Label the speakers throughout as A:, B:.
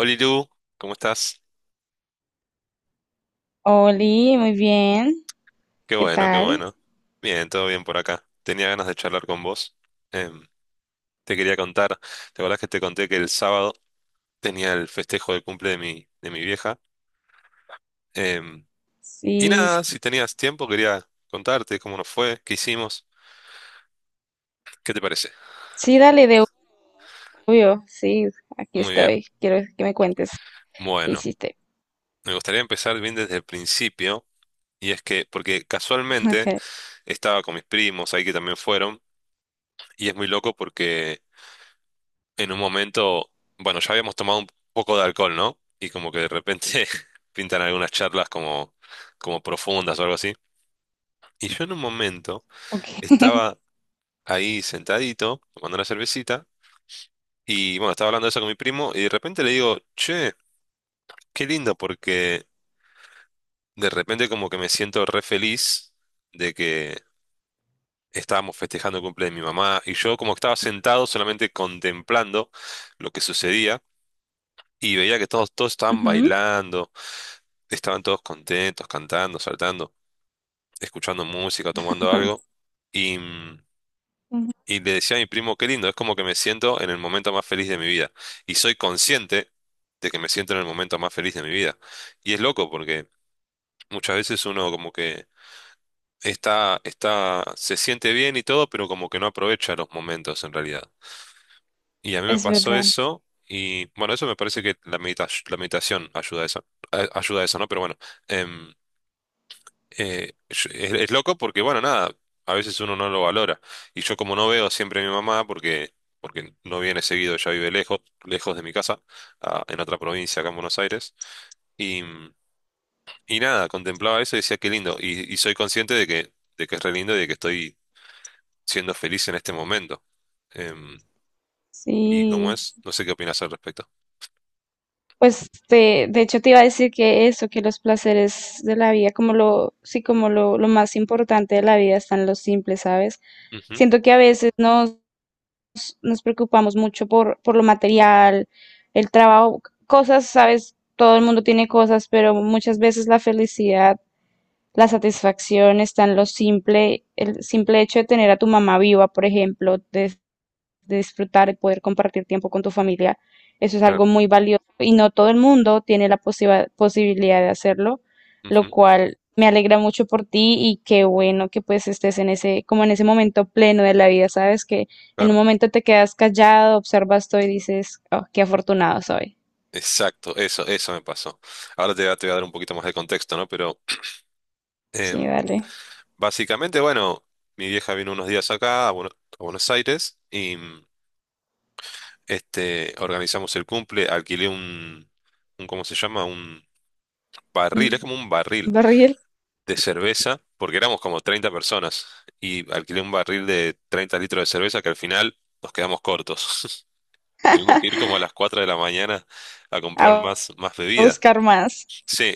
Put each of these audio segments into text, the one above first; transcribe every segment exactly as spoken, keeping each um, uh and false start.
A: Oli Lu, ¿cómo estás?
B: Oli, muy bien.
A: Qué
B: ¿Qué
A: bueno, qué
B: tal?
A: bueno. Bien, todo bien por acá. Tenía ganas de charlar con vos. Em, te quería contar, ¿te acordás que te conté que el sábado tenía el festejo de cumple de mi, de mi vieja? Em, y
B: Sí, sí,
A: nada, si tenías tiempo quería contarte cómo nos fue, qué hicimos, ¿qué te parece?
B: sí, dale de obvio. Sí, aquí
A: Muy bien.
B: estoy. Quiero que me cuentes qué
A: Bueno,
B: hiciste.
A: me gustaría empezar bien desde el principio, y es que, porque casualmente
B: Okay,
A: estaba con mis primos ahí que también fueron, y es muy loco porque en un momento, bueno, ya habíamos tomado un poco de alcohol, ¿no? Y como que de repente pintan algunas charlas como, como profundas o algo así. Y yo en un momento
B: okay.
A: estaba ahí sentadito, tomando una cervecita, y bueno, estaba hablando de eso con mi primo, y de repente le digo, che, qué lindo, porque de repente como que me siento re feliz de que estábamos festejando el cumple de mi mamá, y yo como que estaba sentado solamente contemplando lo que sucedía. Y veía que todos, todos estaban
B: Ujú.
A: bailando, estaban todos contentos, cantando, saltando, escuchando música, tomando algo. Y, mm,
B: Ujú.
A: y le decía a mi primo, qué lindo, es como que me siento en el momento más feliz de mi vida. Y soy consciente de que me siento en el momento más feliz de mi vida. Y es loco porque muchas veces uno como que está, está, se siente bien y todo, pero como que no aprovecha los momentos en realidad. Y a mí me
B: Es
A: pasó
B: verdad.
A: eso, y bueno, eso me parece que la medita- la meditación ayuda a eso, a- ayuda a eso, ¿no? Pero bueno, em, eh, yo- es, es loco porque, bueno, nada, a veces uno no lo valora. Y yo como no veo siempre a mi mamá, porque, porque no viene seguido, ella vive lejos, lejos de mi casa, a- en otra provincia, acá en Buenos Aires. Y, y nada, contemplaba eso y decía, qué lindo. Y, y soy consciente de que, de que es re lindo y de que estoy siendo feliz en este momento. Em, y como
B: Sí.
A: es, no sé qué opinas al respecto.
B: Pues te, de hecho te iba a decir que eso, que los placeres de la vida, como lo, sí, como lo, lo más importante de la vida están los simples, ¿sabes?
A: Ujú,
B: Siento que a veces no nos preocupamos mucho por, por lo material, el trabajo, cosas, sabes, todo el mundo tiene cosas, pero muchas veces la felicidad, la satisfacción está en lo simple, el simple hecho de tener a tu mamá viva, por ejemplo, de de disfrutar, de poder compartir tiempo con tu familia. Eso es
A: claro.
B: algo muy valioso y no todo el mundo tiene la posiba- posibilidad de hacerlo, lo
A: Ujú,
B: cual me alegra mucho por ti y qué bueno que pues estés en ese, como en ese momento pleno de la vida, ¿sabes? Que en un
A: claro.
B: momento te quedas callado, observas todo y dices, oh, qué afortunado soy.
A: Exacto, eso, eso me pasó. Ahora te, voy a te voy a dar un poquito más de contexto, ¿no? Pero
B: Sí,
A: em,
B: dale.
A: básicamente, bueno, mi vieja vino unos días acá a, Bueno- a Buenos Aires y mm, este, organizamos el cumple, alquilé un, un, ¿cómo se llama? Un barril, es
B: Mm.
A: como un barril
B: Barril.
A: de cerveza, porque éramos como treinta personas y alquilé un barril de treinta litros de cerveza que al final nos quedamos cortos. Tuvimos que ir como a las cuatro de la mañana a
B: a
A: comprar más, más
B: a
A: bebida.
B: buscar más.
A: Sí,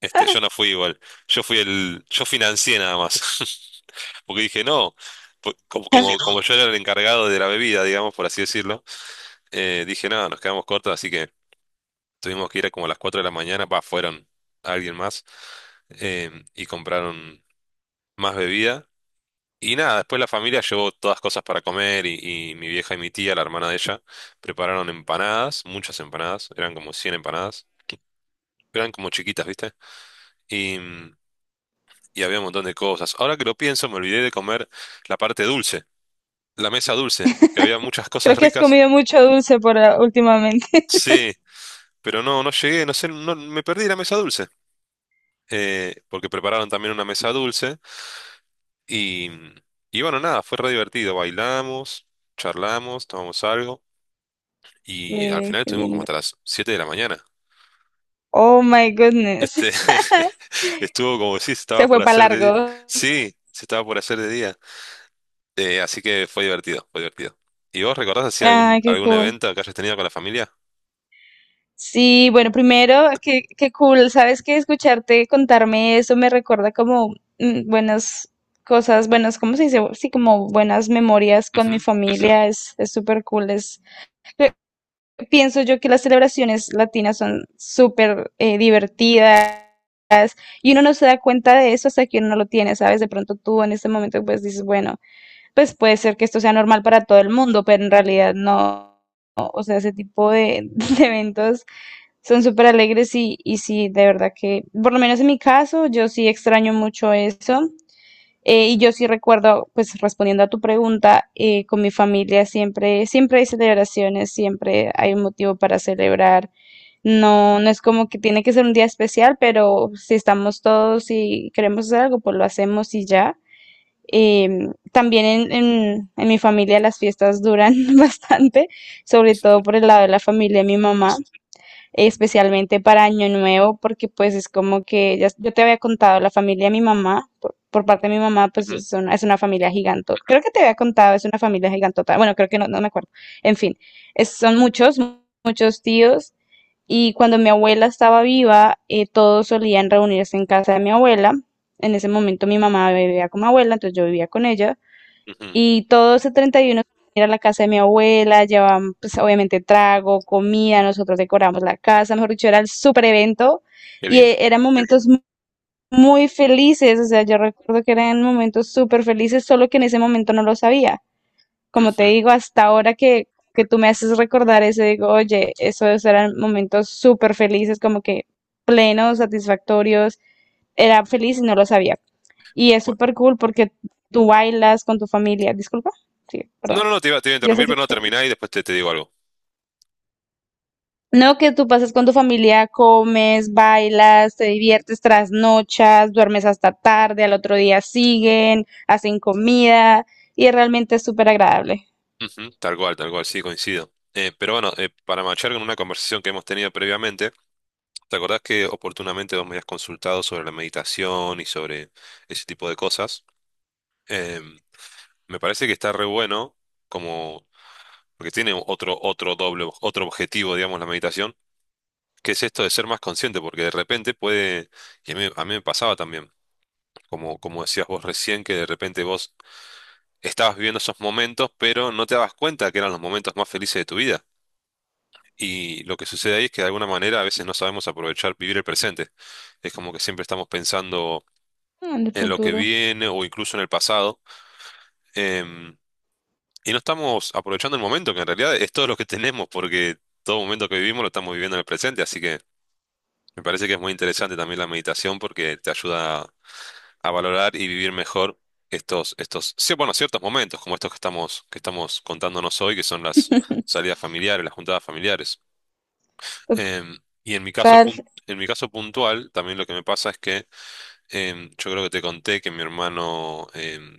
A: este, yo no fui igual. Yo fui el, yo financié nada más. Porque dije, no, po- como, como, como yo era el encargado de la bebida, digamos, por así decirlo, eh, dije, no, nos quedamos cortos, así que tuvimos que ir a como a las cuatro de la mañana, pa, fueron alguien más, eh, y compraron más bebida. Y nada, después la familia llevó todas cosas para comer y, y, mi vieja y mi tía, la hermana de ella, prepararon empanadas, muchas empanadas, eran como cien empanadas, eran como chiquitas, ¿viste? y mm, y había un montón de cosas. Ahora que lo pienso, me olvidé de comer la parte dulce, la mesa dulce, que había muchas
B: Creo
A: cosas
B: que has
A: ricas.
B: comido mucho dulce por últimamente.
A: Sí, pero no, no llegué, no sé, no, me perdí la mesa dulce, eh, porque prepararon también una mesa dulce y, y bueno, nada, fue re divertido. Bailamos, charlamos, tomamos algo y al
B: Ve,
A: final
B: qué
A: estuvimos como
B: lindo.
A: hasta las siete de la mañana.
B: Oh my goodness.
A: Este, estuvo como si se estaba
B: Se
A: por
B: fue para
A: hacer de día.
B: largo.
A: Sí, se estaba por hacer de día. Eh, así que fue divertido, fue divertido. ¿Y vos recordás así algún,
B: Ay, qué
A: algún
B: cool.
A: evento que hayas tenido con la familia?
B: Sí, bueno, primero, qué, qué cool. Sabes que escucharte contarme eso me recuerda como mm, buenas cosas, buenas, ¿cómo se dice? Sí, como buenas memorias con mi
A: Ujú,
B: familia. Es, es súper cool. Es, pienso yo que las celebraciones latinas son súper eh, divertidas. Y uno no se da cuenta de eso hasta que uno no lo tiene, ¿sabes? De pronto tú en este momento pues dices, bueno, pues puede ser que esto sea normal para todo el mundo, pero en realidad no. No. O sea, ese tipo de, de eventos son súper alegres y, y sí, de verdad que, por lo menos en mi caso, yo sí extraño mucho eso. Eh, y yo sí recuerdo, pues respondiendo a tu pregunta, eh, con mi familia siempre, siempre hay celebraciones, siempre hay un motivo para celebrar. No, no es como que tiene que ser un día especial, pero si estamos todos y queremos hacer algo, pues lo hacemos y ya. Eh, también en, en, en mi familia las fiestas duran bastante, sobre todo por el lado de la familia de mi mamá, especialmente para Año Nuevo, porque pues es como que ya, yo te había contado, la familia de mi mamá, por, por parte de mi mamá, pues
A: ujú,
B: es una, es una familia gigantota. Creo que te había contado, es una familia gigantota. Bueno, creo que no, no me acuerdo. En fin, es- son muchos, muchos tíos y cuando mi abuela estaba viva, eh, todos solían reunirse en casa de mi abuela. En ese momento mi mamá vivía con mi abuela, entonces yo vivía con ella.
A: ujú.
B: Y todo ese treinta y uno ir a la casa de mi abuela, llevaban pues obviamente trago, comida, nosotros decoramos la casa, mejor dicho, era el super evento
A: Qué
B: y
A: lindo.
B: eh, eran momentos mu- muy felices, o sea, yo recuerdo que eran momentos súper felices, solo que en ese momento no lo sabía como te
A: Ujú.
B: digo, hasta ahora que, que tú me haces recordar eso, digo, oye, esos eran momentos súper felices, como que plenos, satisfactorios, era feliz y no lo sabía. Y es
A: Bueno,
B: súper cool porque tú bailas con tu familia, disculpa, sí, perdón.
A: no, no, no, te iba, te iba a
B: Dios
A: interrumpir,
B: así.
A: pero no terminá y después te, te digo algo.
B: No, que tú pasas con tu familia, comes, bailas, te diviertes, trasnochas, duermes hasta tarde, al otro día siguen, hacen comida y realmente es súper agradable.
A: Ujú, tal cual, tal cual, sí, coincido. Eh, pero bueno, eh, para marchar con una conversación que hemos tenido previamente. ¿Te acordás que oportunamente vos me habías consultado sobre la meditación y sobre ese tipo de cosas? Em, Me parece que está re bueno, como, porque tiene otro, otro doble, otro objetivo, digamos, la meditación, que es esto de ser más consciente, porque de repente puede, y a mí, a mí me pasaba también, como, como decías vos recién, que de repente vos estabas viviendo esos momentos, pero no te dabas cuenta que eran los momentos más felices de tu vida. Y lo que sucede ahí es que de alguna manera a veces no sabemos aprovechar, vivir el presente. Es como que siempre estamos pensando
B: Ah, en el
A: en lo que
B: futuro.
A: viene o incluso en el pasado. em, y no estamos aprovechando el momento, que en realidad es todo lo que tenemos, porque todo momento que vivimos lo estamos viviendo en el presente. Así que me parece que es muy interesante también la meditación porque te ayuda a, a valorar y vivir mejor estos, estos, sí, bueno, ciertos momentos como estos que estamos, que estamos contándonos hoy, que son las salidas familiares, las juntadas familiares. Em, y en mi caso,
B: Total.
A: pun- en mi caso puntual, también lo que me pasa es que Em, yo creo que te conté que mi hermano, em,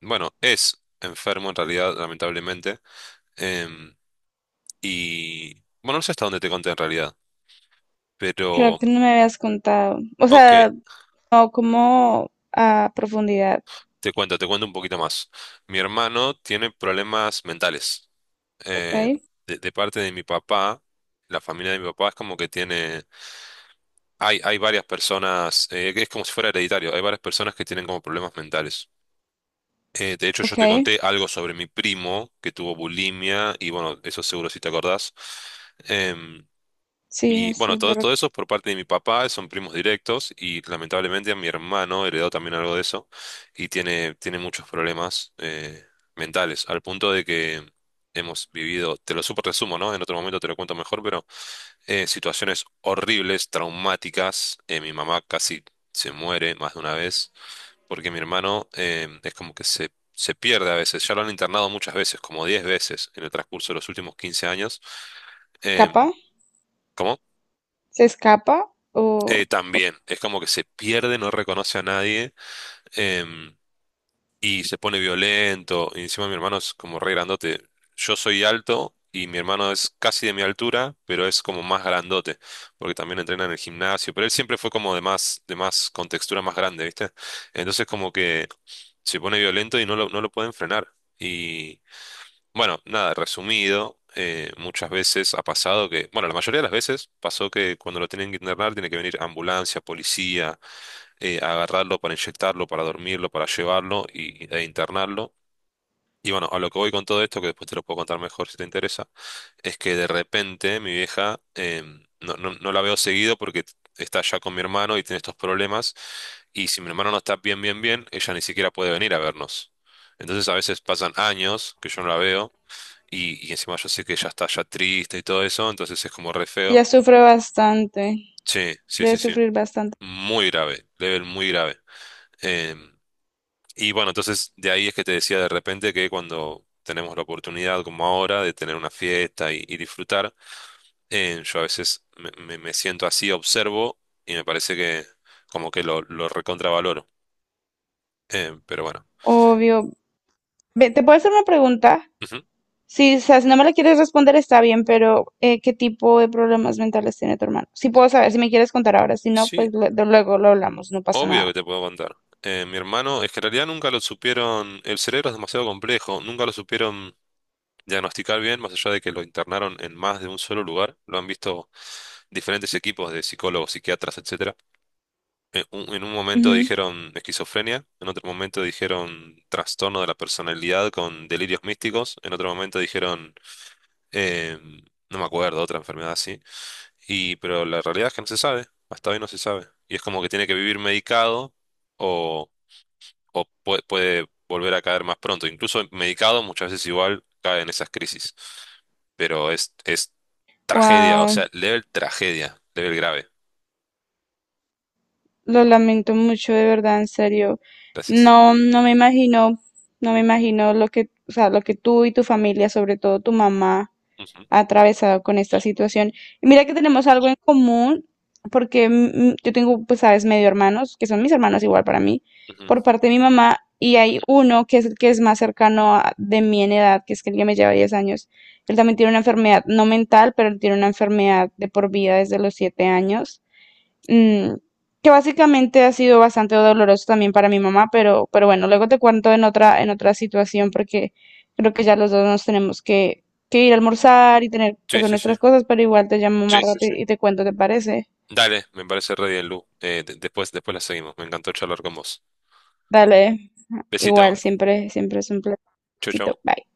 A: bueno, es enfermo en realidad, lamentablemente. em, y bueno, no sé hasta dónde te conté en realidad,
B: Creo
A: pero
B: que no me habías contado. O
A: ok,
B: sea, no como a profundidad.
A: te cuento, te cuento un poquito más. Mi hermano tiene problemas mentales.
B: Ok,
A: Eh, de, de parte de mi papá, la familia de mi papá es como que tiene, hay, hay varias personas, eh, que es como si fuera hereditario, hay varias personas que tienen como problemas mentales. Eh, de hecho, yo
B: ok.
A: te conté algo sobre mi primo que tuvo bulimia y bueno, eso seguro si te acordás. Em,
B: Sí,
A: y bueno,
B: se le
A: todo, todo eso por parte de mi papá, son primos directos y lamentablemente a mi hermano heredó también algo de eso y tiene, tiene muchos problemas eh, mentales, al punto de que hemos vivido, te lo súper resumo, ¿no? En otro momento te lo cuento mejor, pero eh, situaciones horribles, traumáticas. Eh, mi mamá casi se muere más de una vez porque mi hermano eh, es como que se, se pierde a veces. Ya lo han internado muchas veces, como diez veces en el transcurso de los últimos quince años. Em,
B: escapa,
A: ¿Cómo?
B: se escapa
A: Eh,
B: o
A: también, es como que se pierde, no reconoce a nadie. Em, y se pone violento. Y encima mi hermano es como re grandote. Yo soy alto y mi hermano es casi de mi altura, pero es como más grandote, porque también entrena en el gimnasio. Pero él siempre fue como de más, de más, con textura más grande, ¿viste? Entonces como que se pone violento y no lo, no lo pueden frenar. Y bueno, nada, resumido. Eh, muchas veces ha pasado que, bueno, la mayoría de las veces pasó que cuando lo tienen que internar tiene que venir ambulancia, policía, eh, agarrarlo para inyectarlo, para dormirlo, para llevarlo y, e internarlo. Y bueno, a lo que voy con todo esto, que después te lo puedo contar mejor si te interesa, es que de repente mi vieja em, no, no, no la veo seguido porque está ya con mi hermano y tiene estos problemas. Y si mi hermano no está bien, bien, bien, ella ni siquiera puede venir a vernos. Entonces a veces pasan años que yo no la veo y, y encima yo sé que ella está ya triste y todo eso, entonces es como re feo.
B: ella sufre bastante,
A: Sí, sí,
B: debe
A: sí, sí.
B: sufrir bastante.
A: Muy grave, level muy grave. Em, Y bueno, entonces de ahí es que te decía de repente que cuando tenemos la oportunidad, como ahora, de tener una fiesta y, y disfrutar, eh, yo a veces me, me- me siento así, observo y me parece que como que lo, lo recontravaloro. Eh, pero bueno.
B: Obvio. Ve, ¿te puedo hacer una pregunta?
A: Ujú.
B: Sí, o sea, si no me la quieres responder está bien, pero eh, ¿qué tipo de problemas mentales tiene tu hermano? Si puedo saber, si me quieres contar ahora, si no,
A: Sí,
B: pues lu- de- luego lo hablamos, no pasa
A: obvio que
B: nada.
A: te puedo contar. Eh, mi hermano, es que en realidad nunca lo supieron, el cerebro es demasiado complejo, nunca lo supieron diagnosticar bien, más allá de que lo internaron en más de un solo lugar, lo han visto diferentes equipos de psicólogos, psiquiatras, etcétera. En un en un momento dijeron esquizofrenia, en otro momento dijeron trastorno de la personalidad con delirios místicos, en otro momento dijeron, eh, no me acuerdo, otra enfermedad así. Y, pero la realidad es que no se sabe, hasta hoy no se sabe. Y es como que tiene que vivir medicado o, o pue- puede, volver a caer más pronto. Incluso medicado muchas veces igual cae en esas crisis. Pero es, es tragedia, o
B: Wow,
A: sea, level tragedia, level grave.
B: lo
A: Pero bueno,
B: lamento mucho, de verdad, en serio.
A: gracias.
B: No, no me imagino, no me imagino lo que, o sea, lo que tú y tu familia, sobre todo tu mamá,
A: Ujú,
B: ha atravesado con esta situación. Y mira que tenemos algo en común, porque mm, yo tengo, pues, sabes, medio hermanos, que son mis hermanos igual para mí,
A: ujú.
B: por parte de mi mamá, y hay uno que es el que es más cercano a- de mí en edad, que es que el que me lleva diez años. Él también tiene una enfermedad, no mental, pero él tiene una enfermedad de por vida desde los siete años. mm, que básicamente ha sido bastante doloroso también para mi mamá, pero, pero bueno, luego te cuento en otra, en otra situación porque creo que ya los dos nos tenemos que, que ir a almorzar y tener que
A: Sí,
B: hacer
A: sí, sí.
B: nuestras cosas, pero igual te llamo más Sí, sí, rato sí. y y te cuento, ¿te parece?
A: Dale, me parece re bien, Lu. Eh, de- después, después la seguimos. Me encantó charlar con vos.
B: Dale,
A: Besito.
B: igual, siempre, siempre es un
A: Chau,
B: placer.
A: chau.
B: Bye.